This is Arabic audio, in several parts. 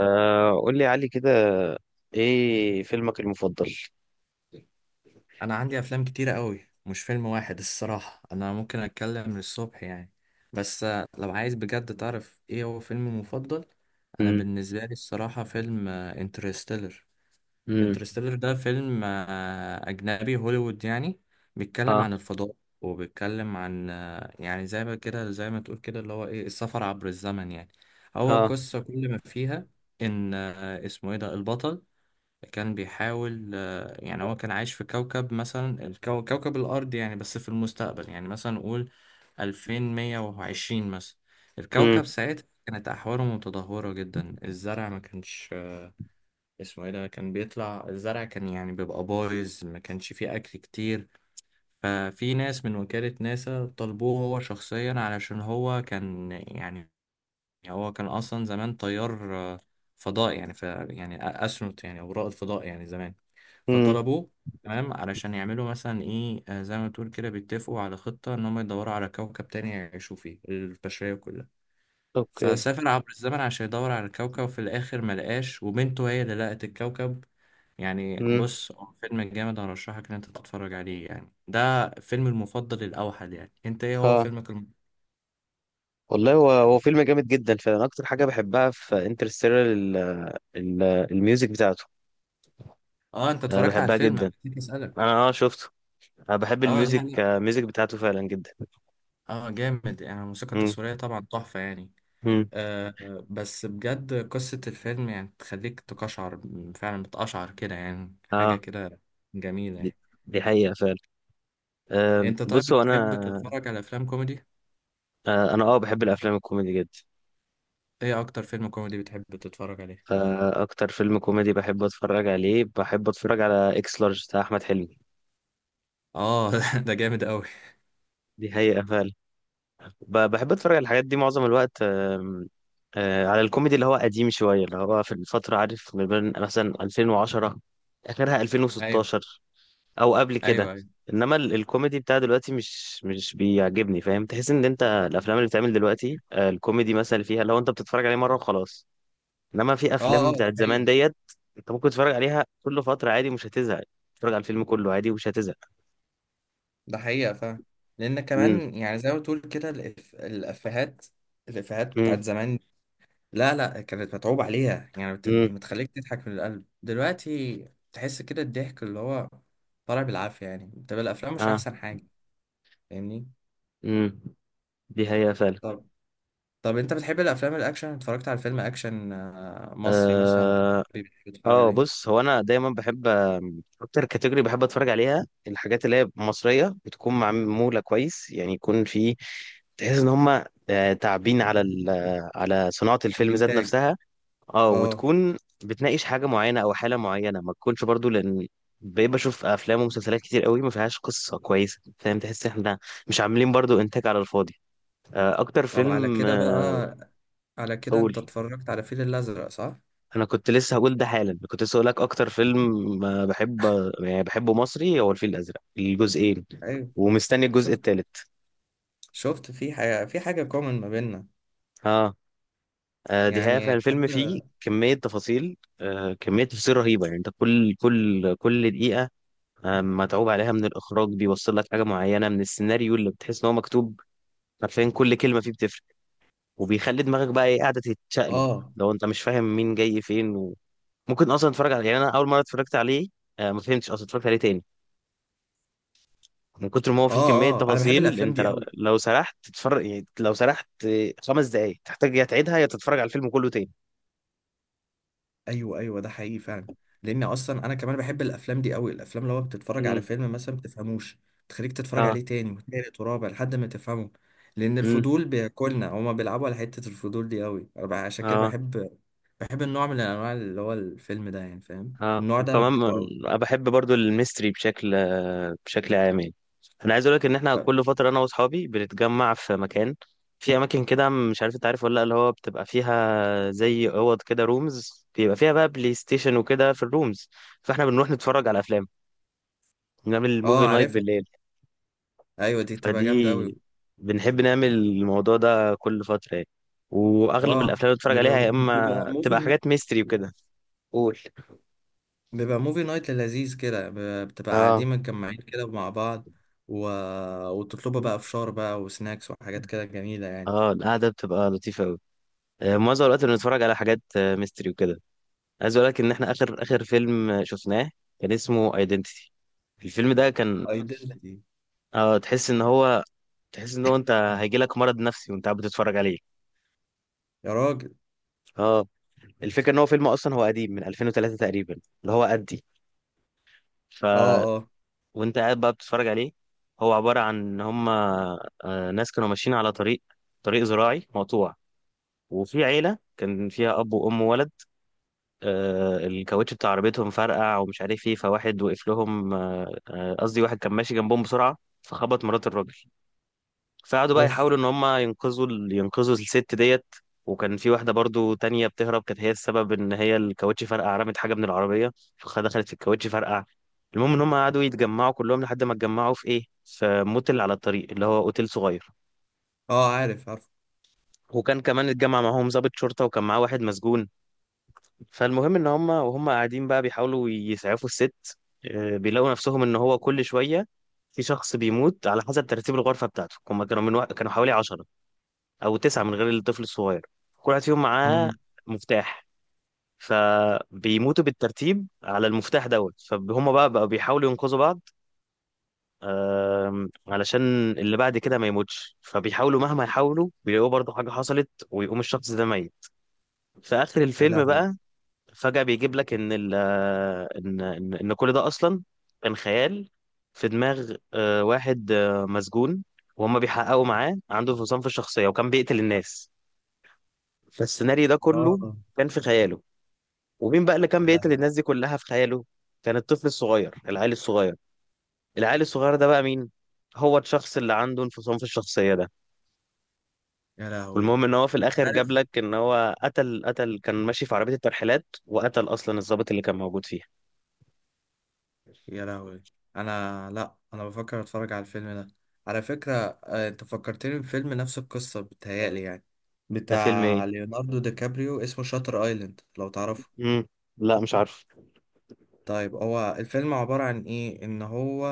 قول لي يا علي كده. ايه فيلمك المفضل؟ انا عندي افلام كتيرة قوي، مش فيلم واحد الصراحة. انا ممكن اتكلم للصبح يعني، بس لو عايز بجد تعرف ايه هو فيلمي مفضل. انا امم. بالنسبة لي الصراحة فيلم انترستيلر. امم. انترستيلر ده فيلم اجنبي هوليوود يعني. ها. بيتكلم عن الفضاء، وبيتكلم عن يعني زي ما تقول كده اللي هو ايه، السفر عبر الزمن يعني. هو ها. قصة كل ما فيها ان اسمه ايه ده البطل، كان بيحاول يعني هو كان عايش في كوكب مثلا، كوكب الأرض يعني، بس في المستقبل، يعني مثلا نقول 2120 مثلا. امم. الكوكب ساعتها كانت أحواله متدهورة جدا، الزرع ما كانش اسمه ايه ده، كان بيطلع الزرع كان يعني بيبقى بايظ، ما كانش فيه أكل كتير. ففي ناس من وكالة ناسا طلبوه هو شخصيا علشان هو كان يعني، هو كان اصلا زمان طيار فضاء يعني، ف يعني استرونوت يعني، او رائد فضاء يعني زمان. امم. فطلبوه تمام، علشان يعملوا مثلا ايه، زي ما تقول كده بيتفقوا على خطة ان هم يدوروا على كوكب تاني يعيشوا فيه البشرية كلها. اوكي. فسافر عبر الزمن عشان يدور على الكوكب، وفي الاخر ملقاش، وبنته هي اللي لقت الكوكب. يعني امم. بص هو فيلم جامد، هرشحك ان انت تتفرج عليه يعني. ده فيلم المفضل الاوحد. يعني انت ايه هو ها. فيلمك والله هو فيلم جامد جدا، فانا اكتر حاجه بحبها في انترستيلر الميوزك بتاعته. اه انت انا اتفرجت على بحبها الفيلم؟ أنا جدا. نسيت اسالك. انا اه شفته. انا بحب اه، لا الميوزك لا. آه، الميوزك بتاعته فعلا جدا. اه جامد يعني، الموسيقى امم. التصويرية طبعا تحفة يعني. امم. بس بجد قصة الفيلم يعني تخليك تقشعر، فعلا بتقشعر كده يعني، حاجة اه. كده جميلة دي يعني. دي حقيقه فعلا. آه انت طيب بصوا بتحب انا. تتفرج على افلام كوميدي؟ انا بحب الافلام الكوميدي جدا. ايه اكتر فيلم كوميدي بتحب تتفرج عليه؟ فأكتر فيلم كوميدي بحب أتفرج عليه، بحب أتفرج على إكس لارج بتاع أحمد حلمي. اه ده جامد قوي. دي حقيقة فعلا. بحب أتفرج على الحاجات دي معظم الوقت. على الكوميدي اللي هو قديم شوية، اللي هو في الفترة، عارف، ما بين مثلا 2010 آخرها ايوه 2016، أو قبل كده. ايوه ايوه. إنما الكوميدي بتاع دلوقتي مش بيعجبني، فاهم. تحس إن أنت الأفلام اللي بتعمل دلوقتي الكوميدي مثلا اللي فيها، لو أنت بتتفرج عليه مرة وخلاص. انما في اه افلام اه، ده بتاعت زمان حقيقة، ديت، انت ممكن تتفرج عليها كل فتره عادي، مش هتزهق. تتفرج على الفيلم كله عادي ومش هتزهق. ده حقيقة فعلا. لان امم. كمان يعني زي ما تقول كده الافيهات امم. بتاعت زمان. لا لا كانت متعوب عليها يعني، امم. بتخليك تضحك من القلب. دلوقتي تحس كده الضحك اللي هو طالع بالعافية يعني. طب الأفلام مش اه. أحسن حاجة؟ فاهمني. امم. دي هي فعلا. طب طب أنت بتحب الأفلام الأكشن؟ اتفرجت على فيلم أكشن مصري مثلا؟ اه. بتحب تتفرج عليه؟ بص، هو انا دايما بحب اكتر كاتيجوري بحب اتفرج عليها الحاجات اللي هي مصريه بتكون معموله كويس، يعني يكون في تحس ان هم تعبين على على صناعه الفيلم ذات الإنتاج. نفسها. اه، أه. وتكون بتناقش حاجة معينة أو حالة معينة، ما تكونش برضو لأن بقيت بشوف أفلام ومسلسلات كتير قوي ما فيهاش قصة كويسة، فاهم. تحس إحنا مش عاملين برضو إنتاج على الفاضي. أكتر طب على فيلم كده بقى، على كده أقول، أنت اتفرجت على الفيل الأزرق صح؟ أنا كنت لسه هقول ده حالا، كنت لسه هقولك أكتر فيلم بحب، يعني بحبه مصري، هو الفيل الأزرق الجزئين. أيوه. ومستني الجزء شفت، الثالث. شفت في حاجة، في حاجة كومن ما بيننا. اه. دي حقيقة. يعني فالفيلم حتى. فيه كمية تفاصيل كمية تفاصيل رهيبة. يعني انت كل دقيقة متعوب عليها من الاخراج، بيوصل لك حاجه معينه من السيناريو اللي بتحس ان هو مكتوب حرفيا. كل كلمه فيه بتفرق، وبيخلي دماغك بقى ايه قاعده تتشقلب أه لو انت مش فاهم مين جاي فين. وممكن اصلا تتفرج عليه. يعني انا اول مره اتفرجت عليه ما فهمتش، اصلا اتفرجت عليه تاني من كتر ما هو فيه كميه أه، أه أنا بحب تفاصيل. الأفلام انت دي لو, أوي. لو سرحت تتفرج، يعني لو سرحت خمس دقائق، تحتاج يا تعيدها يا تتفرج على الفيلم كله تاني. ايوه ايوه، ده حقيقي فعلا. لان اصلا انا كمان بحب الافلام دي قوي، الافلام اللي هو بتتفرج على امم. فيلم مثلا ما بتفهموش، تخليك تتفرج اه. عليه تاني وتالت ورابع لحد ما تفهمه. لان امم. الفضول بياكلنا، هما بيلعبوا على حته الفضول دي قوي. انا عشان كده اه. بحب النوع من الانواع اللي هو الفيلم ده يعني. فاهم اه. النوع ده، انا وكمان بحبه قوي. انا بحب برضو الميستري بشكل، بشكل عام يعني. انا عايز اقول لك ان احنا كل فتره انا واصحابي بنتجمع في مكان، في اماكن كده، مش عارف انت عارف ولا لا، اللي هو بتبقى فيها زي اوض كده، رومز، بيبقى فيها بقى بلاي ستيشن وكده في الرومز. فاحنا بنروح نتفرج على افلام، نعمل موفي اه نايت عارفها. بالليل. ايوه دي بتبقى جامده قوي. فدي بنحب نعمل الموضوع ده كل فتره يعني. واغلب اه، الافلام اللي بنتفرج بيبقى عليها يا اما بيبقى بتبقى موفي، حاجات ميستري وكده. قول. بيبقى موفي نايت لذيذ كده، بتبقى اه. قاعدين متجمعين كده مع بعض، و... وتطلبوا بقى فشار بقى وسناكس وحاجات كده جميلة يعني. اه. القعده بتبقى لطيفه قوي. معظم الوقت اللي بنتفرج على حاجات ميستري وكده. عايز اقول لك ان احنا اخر فيلم شفناه كان اسمه ايدنتيتي. الفيلم ده كان، ايدنتي. اه تحس ان هو، تحس ان هو انت هيجي لك مرض نفسي وانت قاعد بتتفرج عليه. يا راجل. اه. الفكره ان هو فيلم اصلا هو قديم من 2003 تقريبا، اللي هو قدي ف اه اه. وانت قاعد بقى بتتفرج عليه. هو عباره عن ان هم ناس كانوا ماشيين على طريق، طريق زراعي مقطوع. وفي عيله كان فيها اب وام وولد. الكاوتش بتاع عربيتهم فرقع، ومش عارف ايه، فواحد وقف لهم. قصدي واحد كان ماشي جنبهم بسرعة فخبط مرات الراجل. فقعدوا بقى اوف. يحاولوا ان هم ينقذوا ينقذوا الست ديت. وكان في واحدة برضو تانية بتهرب، كانت هي السبب ان هي الكاوتش فرقع، رمت حاجة من العربية فدخلت في الكاوتش فرقع. المهم ان هم قعدوا يتجمعوا كلهم لحد ما اتجمعوا في ايه، في موتل على الطريق اللي هو اوتيل صغير. اه عارف عارف. وكان كمان اتجمع معاهم ضابط شرطة، وكان معاه واحد مسجون. فالمهم ان هم وهم قاعدين بقى بيحاولوا يسعفوا الست، بيلاقوا نفسهم ان هو كل شويه في شخص بيموت على حسب ترتيب الغرفه بتاعته. هم كانوا من كانوا حوالي 10 او 9 من غير الطفل الصغير. كل واحد فيهم معاه مم. مفتاح، فبيموتوا بالترتيب على المفتاح دوت. فهم بقى بقوا بيحاولوا ينقذوا بعض علشان اللي بعد كده ما يموتش. فبيحاولوا مهما يحاولوا بيلاقوا برضه حاجه حصلت ويقوم الشخص ده ميت. في اخر يا الفيلم لهوي. بقى فجأة بيجيب لك ان ال ان ان إن كل ده اصلا كان خيال في دماغ واحد مسجون، وهم بيحققوا معاه، عنده انفصام في الشخصية وكان بيقتل الناس. فالسيناريو ده كله اه. كان في خياله. ومين بقى اللي كان يا بيقتل لهوي. الناس دي كلها في خياله؟ كان الطفل الصغير، العيل الصغير. العيل الصغير ده بقى مين؟ هو الشخص اللي عنده انفصام في الشخصية ده. يا لهوي. والمهم ان هو في انت الاخر جاب عارف، لك ان هو قتل قتل كان ماشي في عربية الترحيلات وقتل اصلا الضابط اللي كان موجود فيها. يا لهوي، انا لا انا بفكر اتفرج على الفيلم ده، على فكرة. انت فكرتني بفيلم نفس القصة بتهيألي يعني، ده فيلم بتاع إيه؟ ليوناردو دي كابريو اسمه شاتر ايلاند، لو تعرفه. مم. لا مش عارف. طيب هو الفيلم عبارة عن إيه؟ إن هو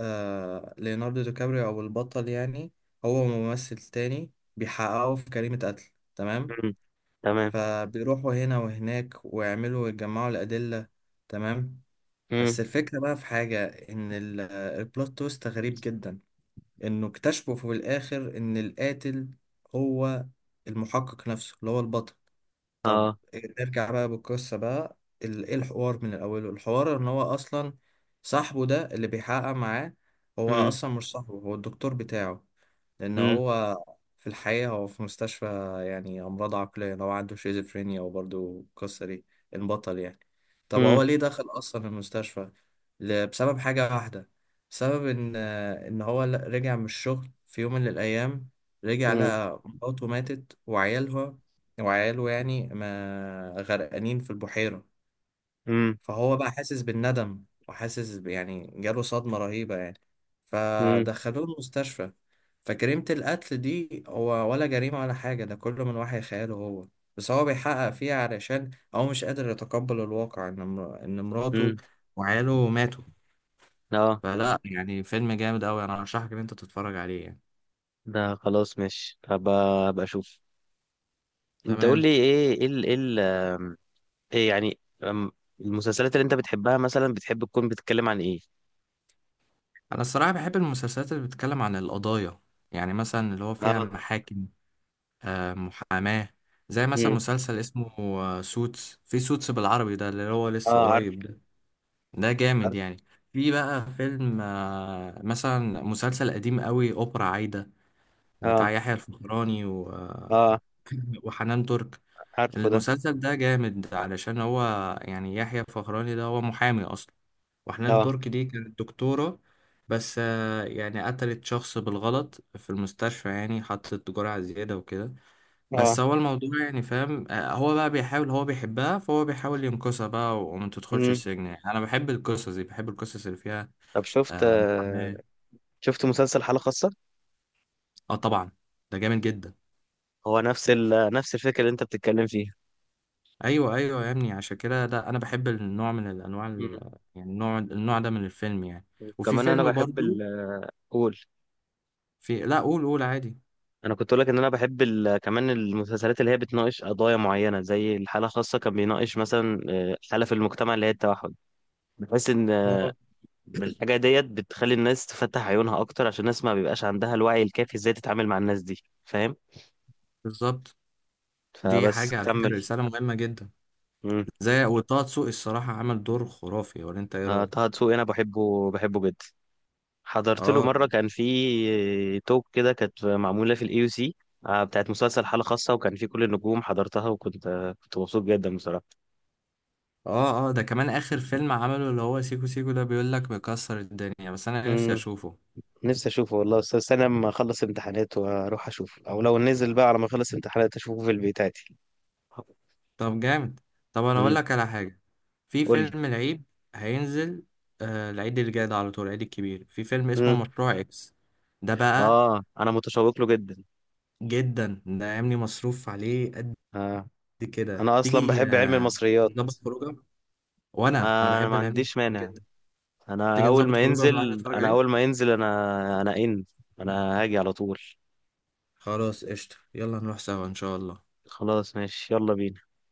ليوناردو دي كابريو أو البطل يعني، هو ممثل تاني، بيحققوا في جريمة قتل. تمام؟ مم. تمام. فبيروحوا هنا وهناك ويعملوا ويجمعوا الأدلة. تمام؟ بس مم. الفكرة بقى في حاجة، إن البلوت تويست غريب جدا. إنه اكتشفوا في الآخر إن القاتل هو المحقق نفسه اللي هو البطل. طب اه. نرجع بقى بالقصة بقى. ايه الحوار من الأول؟ الحوار ان هو اصلا صاحبه ده اللي بيحقق معاه، هو مم. اصلا مش صاحبه، هو الدكتور بتاعه. لان مم. هو في الحقيقة هو في مستشفى، يعني امراض عقلية، لو عنده شيزوفرينيا. وبرضه القصة دي، البطل يعني، طب هو مم. ليه دخل اصلا المستشفى؟ بسبب حاجة واحدة. بسبب ان هو رجع من الشغل في يوم من الايام، رجع مم. لقى مراته ماتت، وعياله يعني، ما غرقانين في البحيرة. مم. فهو بقى حاسس بالندم، وحاسس يعني جاله صدمة رهيبة يعني، مم. فدخلوه المستشفى. فجريمة القتل دي هو ولا جريمة ولا حاجة، ده كله من وحي خياله هو. بس هو بيحقق فيها علشان هو مش قادر يتقبل الواقع، إن إن مراته مم. وعياله ماتوا. اه، فلا يعني فيلم جامد أوي، أنا أرشحك إن أنت تتفرج عليه يعني. ده خلاص، ماشي، هبقى، هبقى اشوف. انت قول تمام. لي ايه، ايه ال- ايه ال- آم، ايه يعني المسلسلات اللي انت بتحبها مثلا بتحب تكون بتتكلم عن ايه؟ أنا الصراحة بحب المسلسلات اللي بتتكلم عن القضايا، يعني مثلا اللي هو فيها اه. محاكم، محاماة. زي مثلا مم. مسلسل اسمه سوتس، في سوتس بالعربي ده اللي هو لسه اه عارف قريب ده. ده جامد عارف. يعني. في بقى فيلم مثلا مسلسل قديم قوي، أوبرا عايدة، بتاع اه. يحيى الفخراني اه. وحنان ترك. عارفه ده. المسلسل ده جامد علشان هو يعني يحيى الفخراني ده هو محامي أصلا، وحنان اه. ترك دي كانت دكتورة، بس يعني قتلت شخص بالغلط في المستشفى، يعني حطت جرعة زيادة وكده. بس اه. هو الموضوع يعني، فاهم، هو بقى بيحاول، هو بيحبها فهو بيحاول ينقذها بقى وما تدخلش مم. السجن يعني. انا بحب القصص دي، بحب القصص اللي فيها طب شفت محاماة. شفت مسلسل حالة خاصة؟ اه طبعا، ده جامد جدا. هو نفس الفكرة اللي انت بتتكلم فيها. ايوه ايوه يا ابني، عشان كده ده انا بحب النوع من الانواع يعني النوع ده من الفيلم يعني. وفي وكمان انا فيلم بحب برضو. قول. لا، قول عادي. انا كنت اقول لك ان انا بحب كمان المسلسلات اللي هي بتناقش قضايا معينه، زي الحاله خاصه كان بيناقش مثلا حاله في المجتمع اللي هي التوحد. بحس ان اه الحاجه ديت بتخلي الناس تفتح عيونها اكتر، عشان الناس ما بيبقاش عندها الوعي الكافي ازاي تتعامل مع الناس دي، فاهم. بالظبط، دي فبس حاجة على كمل. فكرة رسالة مهمة جدا. امم. زي وطه دسوقي الصراحة عمل دور خرافي، ولا انت ايه طه رأيك؟ دسوقي انا بحبه، بحبه جدا. حضرت له اه مره كان في توك كده، كانت معموله في AUC بتاعت مسلسل حاله خاصه، وكان في كل النجوم حضرتها، وكنت كنت مبسوط جدا بصراحه. اه، اه ده كمان اخر فيلم عمله اللي هو سيكو سيكو، ده بيقول لك بيكسر الدنيا، بس انا نفسي امم. اشوفه. نفسي اشوفه والله، بس استنى لما اخلص امتحانات واروح اشوفه، او لو نزل بقى على ما اخلص امتحانات اشوفه في البيت عادي. طب جامد. طب انا اقول امم. لك على حاجه. في قول لي. فيلم العيد هينزل، العيد اللي جاي ده، على طول العيد الكبير، في فيلم اسمه امم. مشروع اكس. ده بقى اه انا متشوق له جدا. جدا، ده عاملي مصروف عليه قد آه. كده. انا اصلا تيجي بحب علم المصريات. نظبط خروجه، وانا آه. انا بحب ما العلم عنديش مانع. جدا. انا تيجي اول نظبط ما خروجه ونروح ينزل، نتفرج انا عليه. اول ما ينزل، انا انا هاجي على طول. خلاص قشطه، يلا نروح سوا ان شاء الله. خلاص ماشي، يلا بينا.